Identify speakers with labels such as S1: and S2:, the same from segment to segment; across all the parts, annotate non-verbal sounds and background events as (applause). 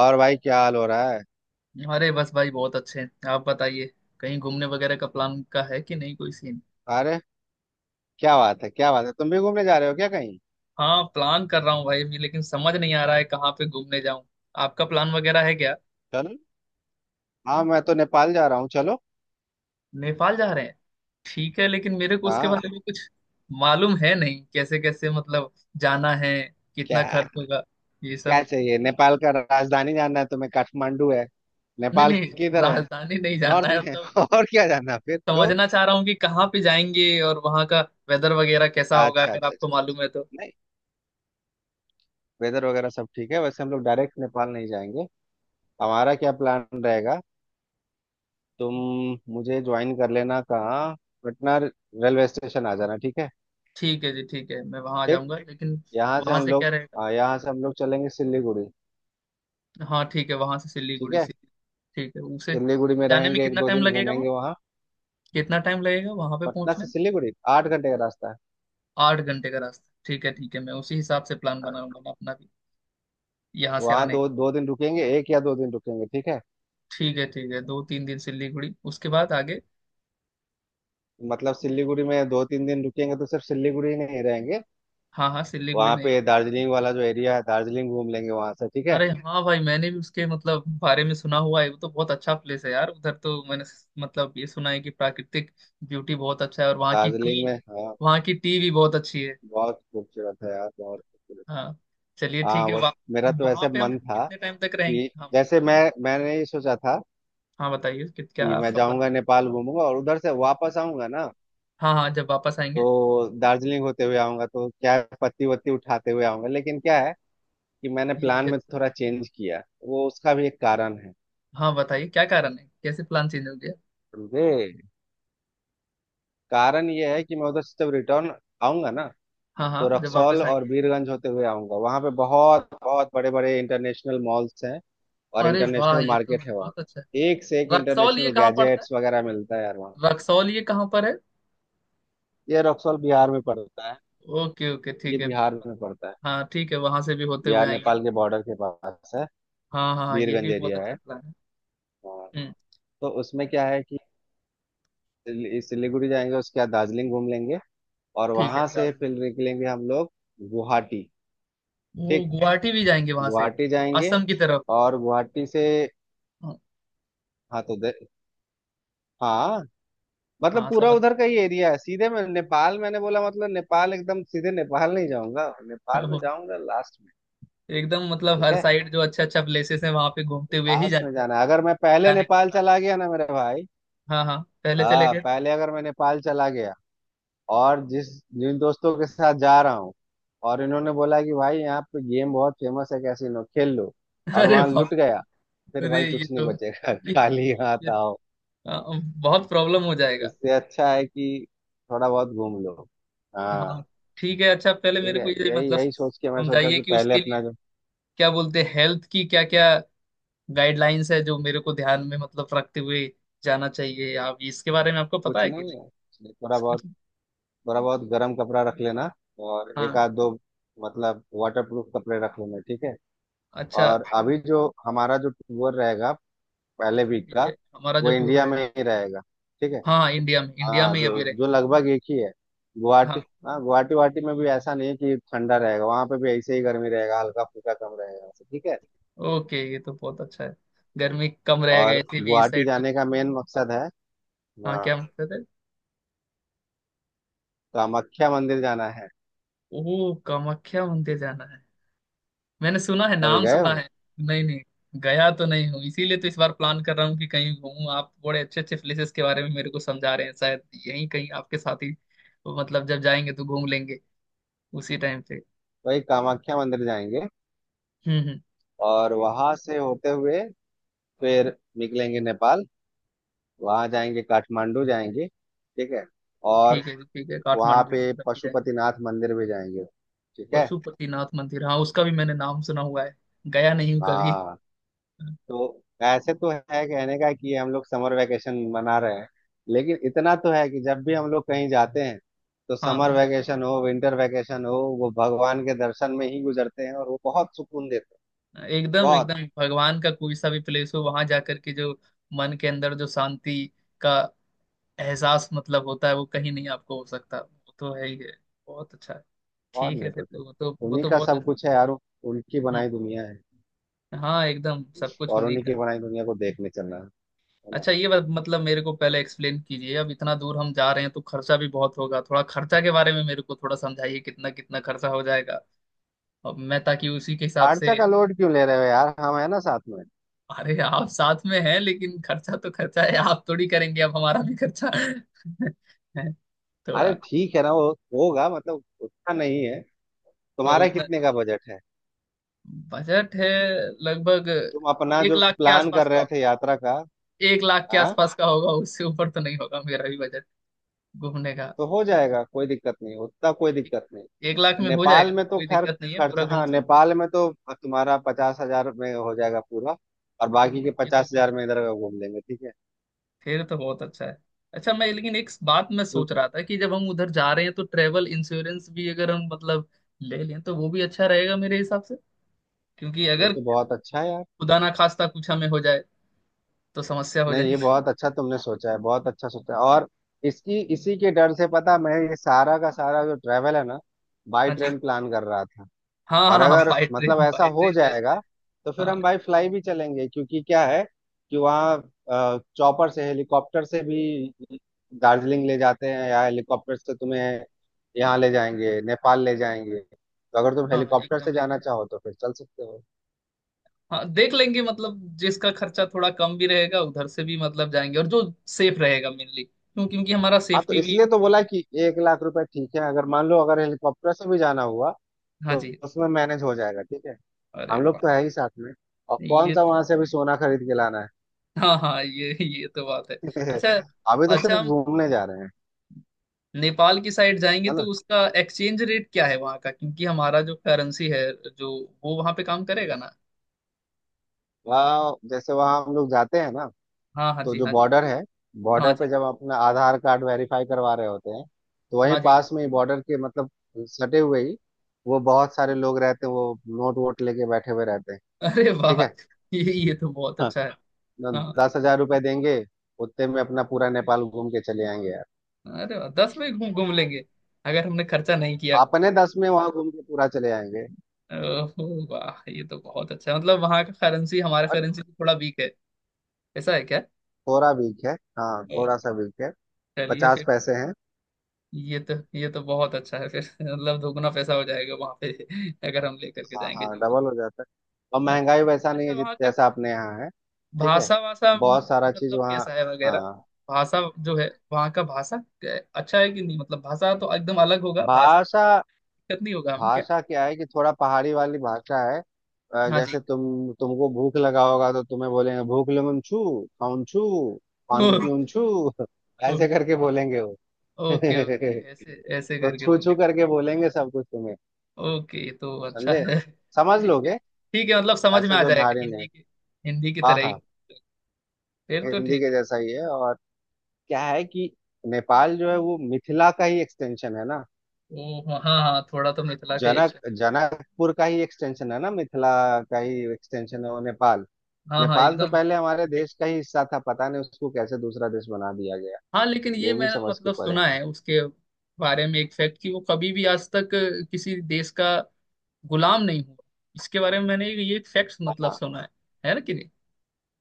S1: और भाई क्या हाल हो रहा है।
S2: अरे बस भाई बहुत अच्छे हैं। आप बताइए, कहीं घूमने वगैरह का प्लान का है कि नहीं, कोई सीन?
S1: अरे क्या बात है, क्या बात है! तुम भी घूमने जा रहे हो क्या कहीं?
S2: हाँ, प्लान कर रहा हूँ भाई अभी, लेकिन समझ नहीं आ रहा है कहाँ पे घूमने जाऊँ। आपका प्लान वगैरह है क्या?
S1: चलो। हाँ, मैं तो नेपाल जा रहा हूँ। चलो।
S2: नेपाल जा रहे हैं? ठीक है, लेकिन मेरे को उसके
S1: हाँ।
S2: बारे में कुछ मालूम है नहीं। कैसे कैसे जाना है, कितना
S1: क्या?
S2: खर्च होगा, ये
S1: क्या
S2: सब?
S1: चाहिए? नेपाल का राजधानी जानना है तुम्हें? काठमांडू है।
S2: नहीं
S1: नेपाल
S2: नहीं,
S1: किधर है?
S2: राजधानी नहीं जानना
S1: नॉर्थ
S2: है।
S1: में। (laughs) और क्या जानना फिर तो।
S2: समझना चाह रहा हूँ कि कहाँ पे जाएंगे और वहाँ का वेदर वगैरह कैसा होगा,
S1: अच्छा,
S2: अगर
S1: अच्छा,
S2: आपको
S1: अच्छा।
S2: मालूम है तो।
S1: नहीं, वेदर वगैरह सब ठीक है। वैसे हम लोग डायरेक्ट नेपाल नहीं जाएंगे। हमारा क्या प्लान रहेगा, तुम मुझे ज्वाइन कर लेना। कहाँ? पटना रेलवे स्टेशन आ जाना, ठीक है?
S2: ठीक है जी, ठीक है, मैं वहां आ
S1: ठीक।
S2: जाऊंगा। लेकिन
S1: यहाँ से
S2: वहां
S1: हम
S2: से क्या
S1: लोग,
S2: रहेगा?
S1: हाँ, यहाँ से हम लोग चलेंगे सिलीगुड़ी।
S2: हाँ ठीक है, वहां से
S1: ठीक
S2: सिलीगुड़ी
S1: है।
S2: से ठीक है उसे
S1: सिलीगुड़ी में
S2: जाने में
S1: रहेंगे एक
S2: कितना
S1: दो
S2: टाइम
S1: दिन,
S2: लगेगा वहाँ?
S1: घूमेंगे वहाँ।
S2: कितना टाइम लगेगा वहां पे
S1: पटना
S2: पहुंचने
S1: से
S2: में?
S1: सिलीगुड़ी 8 घंटे का रास्ता है।
S2: आठ घंटे का रास्ता, ठीक है ठीक है, मैं उसी हिसाब से प्लान बनाऊंगा, मैं अपना भी यहाँ से
S1: वहाँ
S2: आने का।
S1: दो दो दिन रुकेंगे एक या दो दिन रुकेंगे, ठीक है?
S2: ठीक है ठीक है, दो तीन दिन सिलीगुड़ी, उसके बाद आगे।
S1: मतलब सिलीगुड़ी में दो तीन दिन रुकेंगे तो सिर्फ सिलीगुड़ी ही नहीं रहेंगे।
S2: हाँ हाँ, सिलीगुड़ी
S1: वहाँ
S2: नहीं
S1: पे
S2: रही।
S1: दार्जिलिंग वाला जो एरिया है, दार्जिलिंग घूम लेंगे वहाँ से, ठीक है?
S2: अरे हाँ भाई, मैंने भी उसके बारे में सुना हुआ है, वो तो बहुत अच्छा प्लेस है यार। उधर तो मैंने ये सुना है कि प्राकृतिक ब्यूटी बहुत अच्छा है, और वहाँ की
S1: दार्जिलिंग
S2: टी,
S1: में, हाँ,
S2: वहाँ की टी भी बहुत अच्छी है।
S1: बहुत खूबसूरत है यार, बहुत खूबसूरत।
S2: हाँ, चलिए
S1: हाँ,
S2: ठीक है।
S1: वो,
S2: वहाँ,
S1: मेरा तो
S2: वहां
S1: वैसे
S2: पे हम
S1: मन था
S2: कितने टाइम तक रहेंगे?
S1: कि
S2: हाँ
S1: जैसे मैंने ये सोचा था
S2: हाँ, बताइए कि क्या
S1: कि मैं
S2: आपका प्लान।
S1: जाऊंगा नेपाल, घूमूंगा और उधर से वापस आऊंगा ना।
S2: हाँ हाँ, जब वापस आएंगे।
S1: तो दार्जिलिंग होते हुए आऊंगा। तो क्या है, पत्ती वत्ती उठाते हुए आऊंगा। लेकिन क्या है कि मैंने
S2: ये
S1: प्लान
S2: भी
S1: में
S2: अच्छा-
S1: थोड़ा चेंज किया। वो, उसका भी एक कारण है,
S2: हाँ, बताइए क्या कारण है, कैसे प्लान चेंज हो गया?
S1: समझे? कारण ये है कि मैं उधर से जब रिटर्न आऊंगा ना,
S2: हाँ हाँ,
S1: तो
S2: जब
S1: रक्सौल
S2: वापस
S1: और
S2: आएंगे।
S1: बीरगंज होते हुए आऊंगा। वहां पे बहुत बहुत बड़े बड़े इंटरनेशनल मॉल्स हैं और
S2: अरे वाह,
S1: इंटरनेशनल
S2: ये तो
S1: मार्केट है वहाँ।
S2: बहुत अच्छा
S1: एक से एक
S2: है। रक्सौल ये
S1: इंटरनेशनल
S2: कहाँ पड़ता है?
S1: गैजेट्स वगैरह मिलता है यार वहाँ।
S2: रक्सौल ये कहाँ पर है?
S1: ये रक्सौल बिहार में पड़ता है।
S2: ओके ओके,
S1: ये
S2: ठीक है।
S1: बिहार में पड़ता है।
S2: हाँ ठीक है, वहां से भी होते हुए
S1: बिहार
S2: आएंगे।
S1: नेपाल के बॉर्डर के पास है।
S2: हाँ हाँ हाँ, ये
S1: बीरगंज
S2: भी बहुत
S1: एरिया
S2: अच्छा
S1: है।
S2: प्लान है।
S1: हाँ।
S2: हम्म।
S1: तो उसमें क्या है, सिलीगुड़ी जाएंगे, उसके बाद दार्जिलिंग घूम लेंगे और
S2: ठीक है,
S1: वहां से फिर
S2: दार्जिलिंग।
S1: निकलेंगे हम लोग गुवाहाटी।
S2: वो
S1: ठीक।
S2: गुवाहाटी भी जाएंगे वहां से?
S1: गुवाहाटी जाएंगे
S2: असम की तरफ?
S1: और गुवाहाटी से,
S2: हाँ
S1: हाँ तो दे- हाँ, मतलब
S2: हाँ,
S1: पूरा
S2: समझ।
S1: उधर का ही एरिया है। सीधे मैं नेपाल, मैंने बोला, मतलब नेपाल एकदम सीधे नेपाल नहीं जाऊंगा। नेपाल में
S2: (laughs)
S1: जाऊंगा लास्ट में।
S2: एकदम
S1: ठीक
S2: हर
S1: है।
S2: साइड जो अच्छा अच्छा प्लेसेस है वहां पे घूमते हुए ही
S1: लास्ट में
S2: जाने,
S1: जाना है। अगर मैं पहले
S2: जाने का
S1: नेपाल
S2: प्लान।
S1: चला गया ना मेरे भाई,
S2: हाँ हाँ, पहले चले
S1: हाँ,
S2: गए थे।
S1: पहले अगर मैं नेपाल चला गया और जिस जिन दोस्तों के साथ जा रहा हूँ और इन्होंने बोला कि भाई यहाँ पे गेम बहुत फेमस है, कैसीनो खेल लो
S2: (laughs)
S1: और
S2: अरे
S1: वहां
S2: बाप।
S1: लुट गया, फिर भाई
S2: अरे ये
S1: कुछ नहीं
S2: तो,
S1: बचेगा। (laughs)
S2: ये,
S1: खाली
S2: ये
S1: हाथ आओ।
S2: बहुत प्रॉब्लम हो जाएगा।
S1: इससे अच्छा है कि थोड़ा बहुत घूम लो।
S2: हाँ
S1: हाँ,
S2: ठीक है। अच्छा, पहले
S1: ठीक
S2: मेरे
S1: है।
S2: को ये
S1: यही यही सोच के मैं सोचा
S2: समझाइए
S1: कि
S2: कि
S1: पहले
S2: उसके लिए
S1: अपना जो
S2: क्या बोलते हैं, हेल्थ की क्या क्या गाइडलाइंस है जो मेरे को ध्यान में रखते हुए जाना चाहिए। आप इसके बारे में, आपको पता
S1: कुछ
S2: है कि
S1: नहीं
S2: नहीं?
S1: है, इसलिए थोड़ा बहुत,
S2: इसको-
S1: गर्म कपड़ा रख लेना और एक
S2: हाँ।
S1: आध दो, मतलब वाटर प्रूफ कपड़े रख लेना, ठीक है?
S2: अच्छा,
S1: और अभी जो हमारा जो टूर रहेगा पहले वीक
S2: ठीक
S1: का
S2: है, हमारा
S1: वो
S2: जो टूर
S1: इंडिया में
S2: रहेगा।
S1: ही रहेगा, ठीक है।
S2: हाँ, इंडिया में, इंडिया
S1: हाँ,
S2: में ही
S1: जो
S2: अभी रहेगा।
S1: जो लगभग एक ही है, गुवाहाटी।
S2: हाँ।
S1: हाँ, गुवाहाटी वाटी में भी ऐसा नहीं है कि ठंडा रहेगा। वहां पे भी ऐसे ही गर्मी रहेगा, हल्का फुल्का कम रहेगा वैसे, ठीक है।
S2: ओके, ये तो बहुत अच्छा है, गर्मी कम रहेगा
S1: और
S2: ऐसे भी इस
S1: गुवाहाटी
S2: साइड तो।
S1: जाने का मेन मकसद है,
S2: हाँ,
S1: हाँ,
S2: क्या मतलब है?
S1: कामाख्या मंदिर जाना है।
S2: ओ, कामाख्या मंदिर जाना है? मैंने सुना है,
S1: कभी
S2: नाम
S1: गए
S2: सुना
S1: हो?
S2: है। नहीं नहीं, गया तो नहीं हूँ, इसीलिए तो इस बार प्लान कर रहा हूँ कि कहीं घूमूं। आप बड़े अच्छे अच्छे प्लेसेस के बारे में मेरे को समझा रहे हैं, शायद यहीं कहीं आपके साथ ही जब जाएंगे तो घूम लेंगे, उसी टाइम पे।
S1: वही कामाख्या मंदिर जाएंगे
S2: हम्म।
S1: और वहां से होते हुए फिर निकलेंगे नेपाल। वहां जाएंगे, काठमांडू जाएंगे, ठीक है। और
S2: ठीक है जी, ठीक है,
S1: वहां
S2: काठमांडू की
S1: पे
S2: तरफ ही जाएंगे।
S1: पशुपतिनाथ मंदिर भी जाएंगे, ठीक है।
S2: पशुपतिनाथ मंदिर, हाँ उसका भी मैंने नाम सुना हुआ है, गया नहीं हूँ कभी।
S1: हाँ, तो ऐसे तो है कहने का कि हम लोग समर वेकेशन मना रहे हैं, लेकिन इतना तो है कि जब भी हम लोग कहीं जाते हैं तो
S2: हाँ
S1: समर
S2: हाँ, जब भी
S1: वेकेशन
S2: जाएंगे,
S1: हो, विंटर वेकेशन हो, वो भगवान के दर्शन में ही गुजरते हैं और वो बहुत सुकून देते हैं।
S2: एकदम
S1: बहुत।
S2: एकदम भगवान का कोई सा भी प्लेस हो, वहां जाकर के जो मन के अंदर जो शांति का एहसास होता है, वो कहीं नहीं आपको हो सकता, वो तो है ही है, बहुत अच्छा है।
S1: और
S2: ठीक है
S1: नहीं
S2: फिर
S1: तो
S2: तो, वो तो
S1: क्या।
S2: वो
S1: उन्हीं
S2: तो
S1: का
S2: बहुत
S1: सब
S2: अच्छा।
S1: कुछ है यार, उनकी
S2: हम्म,
S1: बनाई दुनिया है।
S2: हाँ एकदम सब कुछ
S1: और
S2: उन्हीं
S1: उन्हीं
S2: का।
S1: की बनाई दुनिया को देखने चलना है ना?
S2: अच्छा, ये बात मेरे को पहले एक्सप्लेन कीजिए, अब इतना दूर हम जा रहे हैं तो खर्चा भी बहुत होगा। थोड़ा खर्चा के बारे में मेरे को थोड़ा समझाइए, कितना कितना खर्चा हो जाएगा अब मैं, ताकि उसी के हिसाब से।
S1: खर्चा का लोड क्यों ले रहे हो यार? हम है ना साथ में।
S2: अरे, आप साथ में हैं, लेकिन खर्चा तो खर्चा है, आप थोड़ी करेंगे, अब हमारा भी खर्चा (laughs) है
S1: अरे
S2: थोड़ा।
S1: ठीक है ना, वो होगा मतलब, उतना नहीं है।
S2: तो
S1: तुम्हारा
S2: उतना
S1: कितने का बजट है?
S2: बजट है लगभग,
S1: तुम अपना
S2: एक
S1: जो
S2: लाख के
S1: प्लान
S2: आसपास
S1: कर रहे
S2: का,
S1: थे यात्रा का?
S2: एक लाख के
S1: हाँ,
S2: आसपास का होगा, उससे ऊपर तो नहीं होगा मेरा भी बजट घूमने का।
S1: तो हो जाएगा। कोई दिक्कत नहीं उतना, कोई दिक्कत नहीं।
S2: एक लाख में हो
S1: नेपाल
S2: जाएगा,
S1: में तो
S2: कोई
S1: खैर
S2: दिक्कत नहीं है,
S1: खर्च,
S2: पूरा घूम
S1: हाँ,
S2: सकते
S1: नेपाल में तो तुम्हारा 50,000 में हो जाएगा पूरा। और
S2: हो।
S1: बाकी के
S2: ये तो
S1: पचास
S2: बहुत
S1: हजार में
S2: अच्छा,
S1: इधर घूम लेंगे, ठीक है।
S2: फिर तो बहुत अच्छा है। अच्छा मैं लेकिन एक बात मैं सोच
S1: क्योंकि
S2: रहा था कि जब हम उधर जा रहे हैं तो ट्रेवल इंश्योरेंस भी अगर हम ले लें तो वो भी अच्छा रहेगा मेरे हिसाब, क्योंकि
S1: ये
S2: अगर
S1: तो बहुत अच्छा है यार।
S2: खुदा ना खास्ता कुछ हमें हो जाए तो समस्या हो
S1: नहीं, ये
S2: जाएगी।
S1: बहुत अच्छा तुमने सोचा है, बहुत अच्छा सोचा है। और इसकी इसी के डर से पता, मैं ये सारा का सारा जो ट्रेवल है ना, बाई
S2: हाँ जी।
S1: ट्रेन प्लान कर रहा था।
S2: हाँ
S1: और
S2: हाँ हाँ,
S1: अगर
S2: बाई
S1: मतलब
S2: ट्रेन,
S1: ऐसा
S2: बाई
S1: हो
S2: ट्रेन बेस्ट है।
S1: जाएगा तो फिर
S2: हाँ
S1: हम भाई फ्लाई भी चलेंगे, क्योंकि क्या है कि वहाँ चॉपर से, हेलीकॉप्टर से भी दार्जिलिंग ले जाते हैं, या हेलीकॉप्टर से तुम्हें यहाँ ले जाएंगे, नेपाल ले जाएंगे। तो अगर तुम
S2: हाँ हाँ,
S1: हेलीकॉप्टर
S2: एकदम
S1: से
S2: लेके
S1: जाना
S2: जाएंगे।
S1: चाहो तो फिर चल सकते हो।
S2: हाँ देख लेंगे, जिसका खर्चा थोड़ा कम भी रहेगा उधर से भी जाएंगे, और जो सेफ रहेगा मेनली, क्यों क्योंकि हमारा
S1: हाँ, तो
S2: सेफ्टी भी
S1: इसलिए तो
S2: बहुत
S1: बोला
S2: important
S1: कि 1 लाख रुपए ठीक है। अगर मान लो, अगर हेलीकॉप्टर से भी जाना हुआ
S2: है। हाँ
S1: तो
S2: जी।
S1: उसमें मैनेज हो जाएगा, ठीक है।
S2: अरे
S1: हम लोग
S2: वाह,
S1: तो है ही साथ में। और कौन
S2: ये
S1: सा
S2: तो
S1: वहां से अभी
S2: बहुत-
S1: सोना खरीद के लाना है।
S2: हाँ हाँ, ये तो बात है। अच्छा,
S1: (laughs) अभी तो सिर्फ
S2: अच्छा हम
S1: घूमने जा रहे हैं।
S2: नेपाल की साइड जाएंगे
S1: है
S2: तो
S1: ना?
S2: उसका एक्सचेंज रेट क्या है वहाँ का, क्योंकि हमारा जो करेंसी है, जो वो वहाँ पे काम करेगा ना?
S1: वहाँ, जैसे वहाँ हम लोग जाते हैं ना
S2: हाँ हाँ
S1: तो
S2: जी,
S1: जो
S2: हाँ जी।
S1: बॉर्डर है,
S2: हाँ
S1: बॉर्डर
S2: जी,
S1: पे जब अपना आधार कार्ड वेरीफाई करवा रहे होते हैं तो वहीं
S2: हाँ जी।
S1: पास में ही बॉर्डर के मतलब सटे हुए ही वो बहुत सारे लोग रहते हैं, वो नोट वोट लेके बैठे हुए रहते हैं,
S2: अरे
S1: ठीक
S2: वाह,
S1: है?
S2: ये तो बहुत
S1: हाँ।
S2: अच्छा है।
S1: न-
S2: हाँ।
S1: 10,000 रुपए देंगे, उतने में अपना पूरा नेपाल घूम के चले आएंगे यार।
S2: अरे वाह, दस में घूम घूम लेंगे, अगर हमने खर्चा नहीं किया।
S1: अपने दस में वहां घूम के पूरा चले आएंगे।
S2: ओह वाह, ये तो बहुत अच्छा है। वहाँ का करेंसी हमारा
S1: और
S2: करेंसी से थोड़ा वीक है, ऐसा है क्या?
S1: थोड़ा वीक है, हाँ, थोड़ा सा वीक है।
S2: चलिए
S1: पचास
S2: फिर,
S1: पैसे हैं।
S2: ये तो बहुत अच्छा है फिर। (laughs) दोगुना पैसा हो जाएगा वहाँ पे अगर हम लेकर के
S1: हाँ
S2: जाएंगे,
S1: हाँ,
S2: जो भी।
S1: डबल हो जाता है। और
S2: अच्छा,
S1: महंगाई वैसा नहीं
S2: अच्छा
S1: है जित
S2: वहाँ का
S1: जैसा अपने यहाँ है, ठीक है।
S2: भाषा वासा
S1: बहुत सारा चीज वहाँ,
S2: कैसा है वगैरह?
S1: हाँ।
S2: भाषा जो है, वहाँ का भाषा क्या है? अच्छा है कि नहीं? भाषा तो एकदम अलग होगा, भाषा में
S1: भाषा,
S2: दिक्कत नहीं होगा हमें क्या?
S1: भाषा क्या है कि थोड़ा पहाड़ी वाली भाषा है।
S2: हाँ जी।
S1: जैसे तुमको भूख लगा होगा तो तुम्हें बोलेंगे भूख लगन छू, खाउन छू,
S2: (laughs)
S1: पानी
S2: ओ,
S1: पीउन छू। (laughs)
S2: ओ
S1: ऐसे करके बोलेंगे वो।
S2: ओके ओके, ऐसे ऐसे
S1: (laughs) तो
S2: करके
S1: छू
S2: बोले।
S1: छू करके बोलेंगे सब कुछ तुम्हें,
S2: ओके तो अच्छा
S1: समझे?
S2: है।
S1: समझ
S2: ठीक है
S1: लोगे,
S2: ठीक है, समझ में
S1: ऐसा
S2: आ
S1: कोई
S2: जाएगा,
S1: भारी नहीं
S2: हिंदी
S1: है।
S2: के, हिंदी की
S1: हाँ
S2: तरह
S1: हाँ,
S2: ही, फिर तो
S1: हिंदी
S2: ठीक
S1: के
S2: है।
S1: जैसा ही है। और क्या है कि नेपाल जो है वो मिथिला का ही एक्सटेंशन है ना।
S2: ओ हाँ हाँ, थोड़ा तो मिथिला का एक।
S1: जनक जनकपुर का ही एक्सटेंशन है ना, मिथिला का ही एक्सटेंशन है वो, नेपाल।
S2: हाँ हाँ,
S1: नेपाल तो
S2: एकदम
S1: पहले
S2: एकदम।
S1: हमारे देश का ही हिस्सा था, पता नहीं उसको कैसे दूसरा देश बना दिया गया।
S2: हाँ, लेकिन ये
S1: ये भी
S2: मैंने
S1: समझ के परे
S2: सुना
S1: है।
S2: है उसके बारे में एक फैक्ट, कि वो कभी भी आज तक किसी देश का गुलाम नहीं हुआ। इसके बारे में मैंने ये फैक्ट
S1: हाँ
S2: सुना है ना कि नहीं?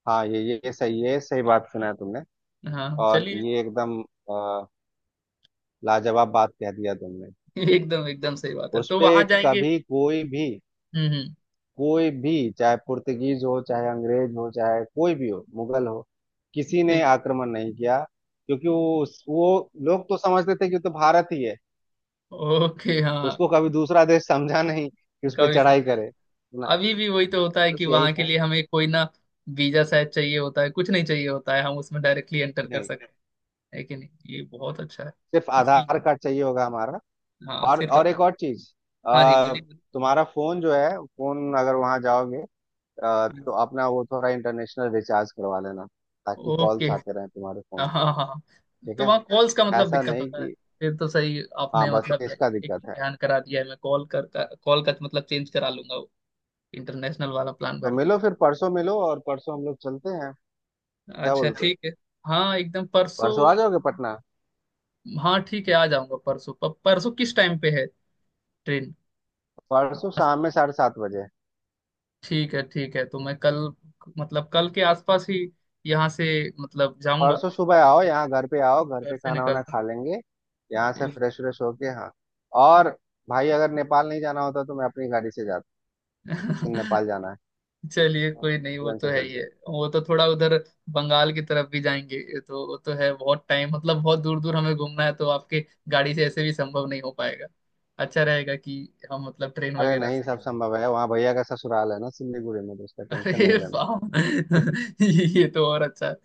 S1: हाँ, ये सही ये सही बात सुना है तुमने।
S2: हाँ
S1: और
S2: चलिए।
S1: ये एकदम अ, लाजवाब बात कह दिया तुमने।
S2: (laughs) एकदम एकदम सही बात है,
S1: उस
S2: तो
S1: पे
S2: वहां जाएंगे।
S1: कभी कोई भी
S2: हम्म।
S1: कोई भी चाहे पुर्तगीज हो, चाहे अंग्रेज हो, चाहे कोई भी हो, मुगल हो, किसी ने
S2: एक-
S1: आक्रमण नहीं किया। क्योंकि वो वो लोग तो समझते थे कि वो तो भारत ही है।
S2: ओके हाँ।
S1: उसको कभी दूसरा देश समझा नहीं कि उस पर
S2: कभी
S1: चढ़ाई
S2: समझा।
S1: करे ना।
S2: अभी भी वही तो होता है कि
S1: बस यही
S2: वहां के
S1: था।
S2: लिए हमें कोई ना, वीजा शायद चाहिए होता है? कुछ नहीं चाहिए होता है, हम उसमें डायरेक्टली एंटर कर
S1: नहीं,
S2: सकते हैं, है कि नहीं? ये बहुत अच्छा है,
S1: सिर्फ
S2: इसीलिए।
S1: आधार कार्ड चाहिए होगा हमारा।
S2: हाँ,
S1: और
S2: सिर्फ आधार।
S1: एक और चीज,
S2: हाँ जी,
S1: अ,
S2: बोलिए बोलिए।
S1: तुम्हारा फोन जो है, फोन अगर वहां जाओगे,
S2: हाँ।
S1: तो अपना वो थोड़ा इंटरनेशनल रिचार्ज करवा लेना ताकि
S2: ओके।
S1: कॉल्स आते रहे तुम्हारे
S2: हाँ
S1: फोन पे,
S2: हाँ हाँ।
S1: ठीक
S2: तो
S1: है।
S2: वहाँ कॉल्स का
S1: ऐसा
S2: दिक्कत
S1: नहीं
S2: होता है?
S1: कि,
S2: फिर तो सही
S1: हाँ,
S2: आपने
S1: बस इसका
S2: एक
S1: दिक्कत है।
S2: ध्यान करा दिया है, मैं कॉल का चेंज करा लूंगा वो, इंटरनेशनल वाला प्लान
S1: तो
S2: भर
S1: मिलो
S2: लूंगा।
S1: फिर परसों, मिलो और परसों हम लोग चलते हैं, क्या
S2: अच्छा
S1: बोलते हो?
S2: ठीक है, हाँ एकदम
S1: परसों आ
S2: परसों।
S1: जाओगे पटना?
S2: हाँ ठीक है, आ जाऊंगा परसों। परसों किस टाइम पे है ट्रेन?
S1: परसों शाम में 7:30 बजे।
S2: ठीक है ठीक है, तो मैं कल कल के आसपास ही यहाँ से जाऊंगा।
S1: परसों सुबह आओ,
S2: घर से,
S1: यहाँ घर पे आओ, घर
S2: घर
S1: पे
S2: से
S1: खाना वाना
S2: निकलता।
S1: खा लेंगे, यहाँ से फ्रेश व्रेश होके। हाँ। और भाई अगर नेपाल नहीं जाना होता तो मैं अपनी गाड़ी से जाता। लेकिन
S2: ठीक।
S1: नेपाल
S2: (laughs)
S1: जाना है
S2: चलिए कोई
S1: तो
S2: नहीं, वो
S1: ट्रेन
S2: तो
S1: से
S2: है ही
S1: चलते
S2: है।
S1: हैं।
S2: वो तो थोड़ा उधर बंगाल की तरफ भी जाएंगे, ये तो वो तो है, बहुत टाइम बहुत दूर दूर हमें घूमना है, तो आपके गाड़ी से ऐसे भी संभव नहीं हो पाएगा। अच्छा रहेगा कि हम ट्रेन
S1: अरे
S2: वगैरह
S1: नहीं,
S2: से ही
S1: सब संभव
S2: सफर
S1: है,
S2: करें।
S1: वहाँ भैया का ससुराल है ना सिलीगुड़ी में, तो उसका टेंशन
S2: अरे
S1: नहीं लेना।
S2: वाह। (laughs) ये तो और अच्छा है,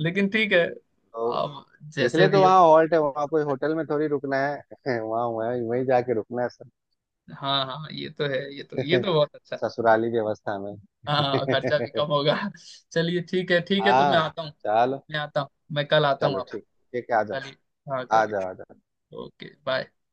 S2: लेकिन ठीक है
S1: तो
S2: आप जैसे
S1: इसलिए तो
S2: भी। (laughs)
S1: वहाँ हॉल्ट है, वहाँ कोई होटल में थोड़ी रुकना है। (laughs) वहाँ, वहाँ, वहीं जाके रुकना है,
S2: हाँ हाँ ये तो है, ये तो बहुत अच्छा।
S1: ससुराली व्यवस्था में।
S2: हाँ, और खर्चा भी कम
S1: (laughs)
S2: होगा। चलिए ठीक है ठीक है, तो मैं
S1: हाँ,
S2: आता हूँ,
S1: चलो,
S2: मैं आता हूँ, मैं कल आता हूँ
S1: चलो,
S2: आप।
S1: ठीक ठीक है, आ जाओ,
S2: कल ही, हाँ
S1: आ
S2: कल ही।
S1: जाओ, आ जाओ।
S2: Okay, bye.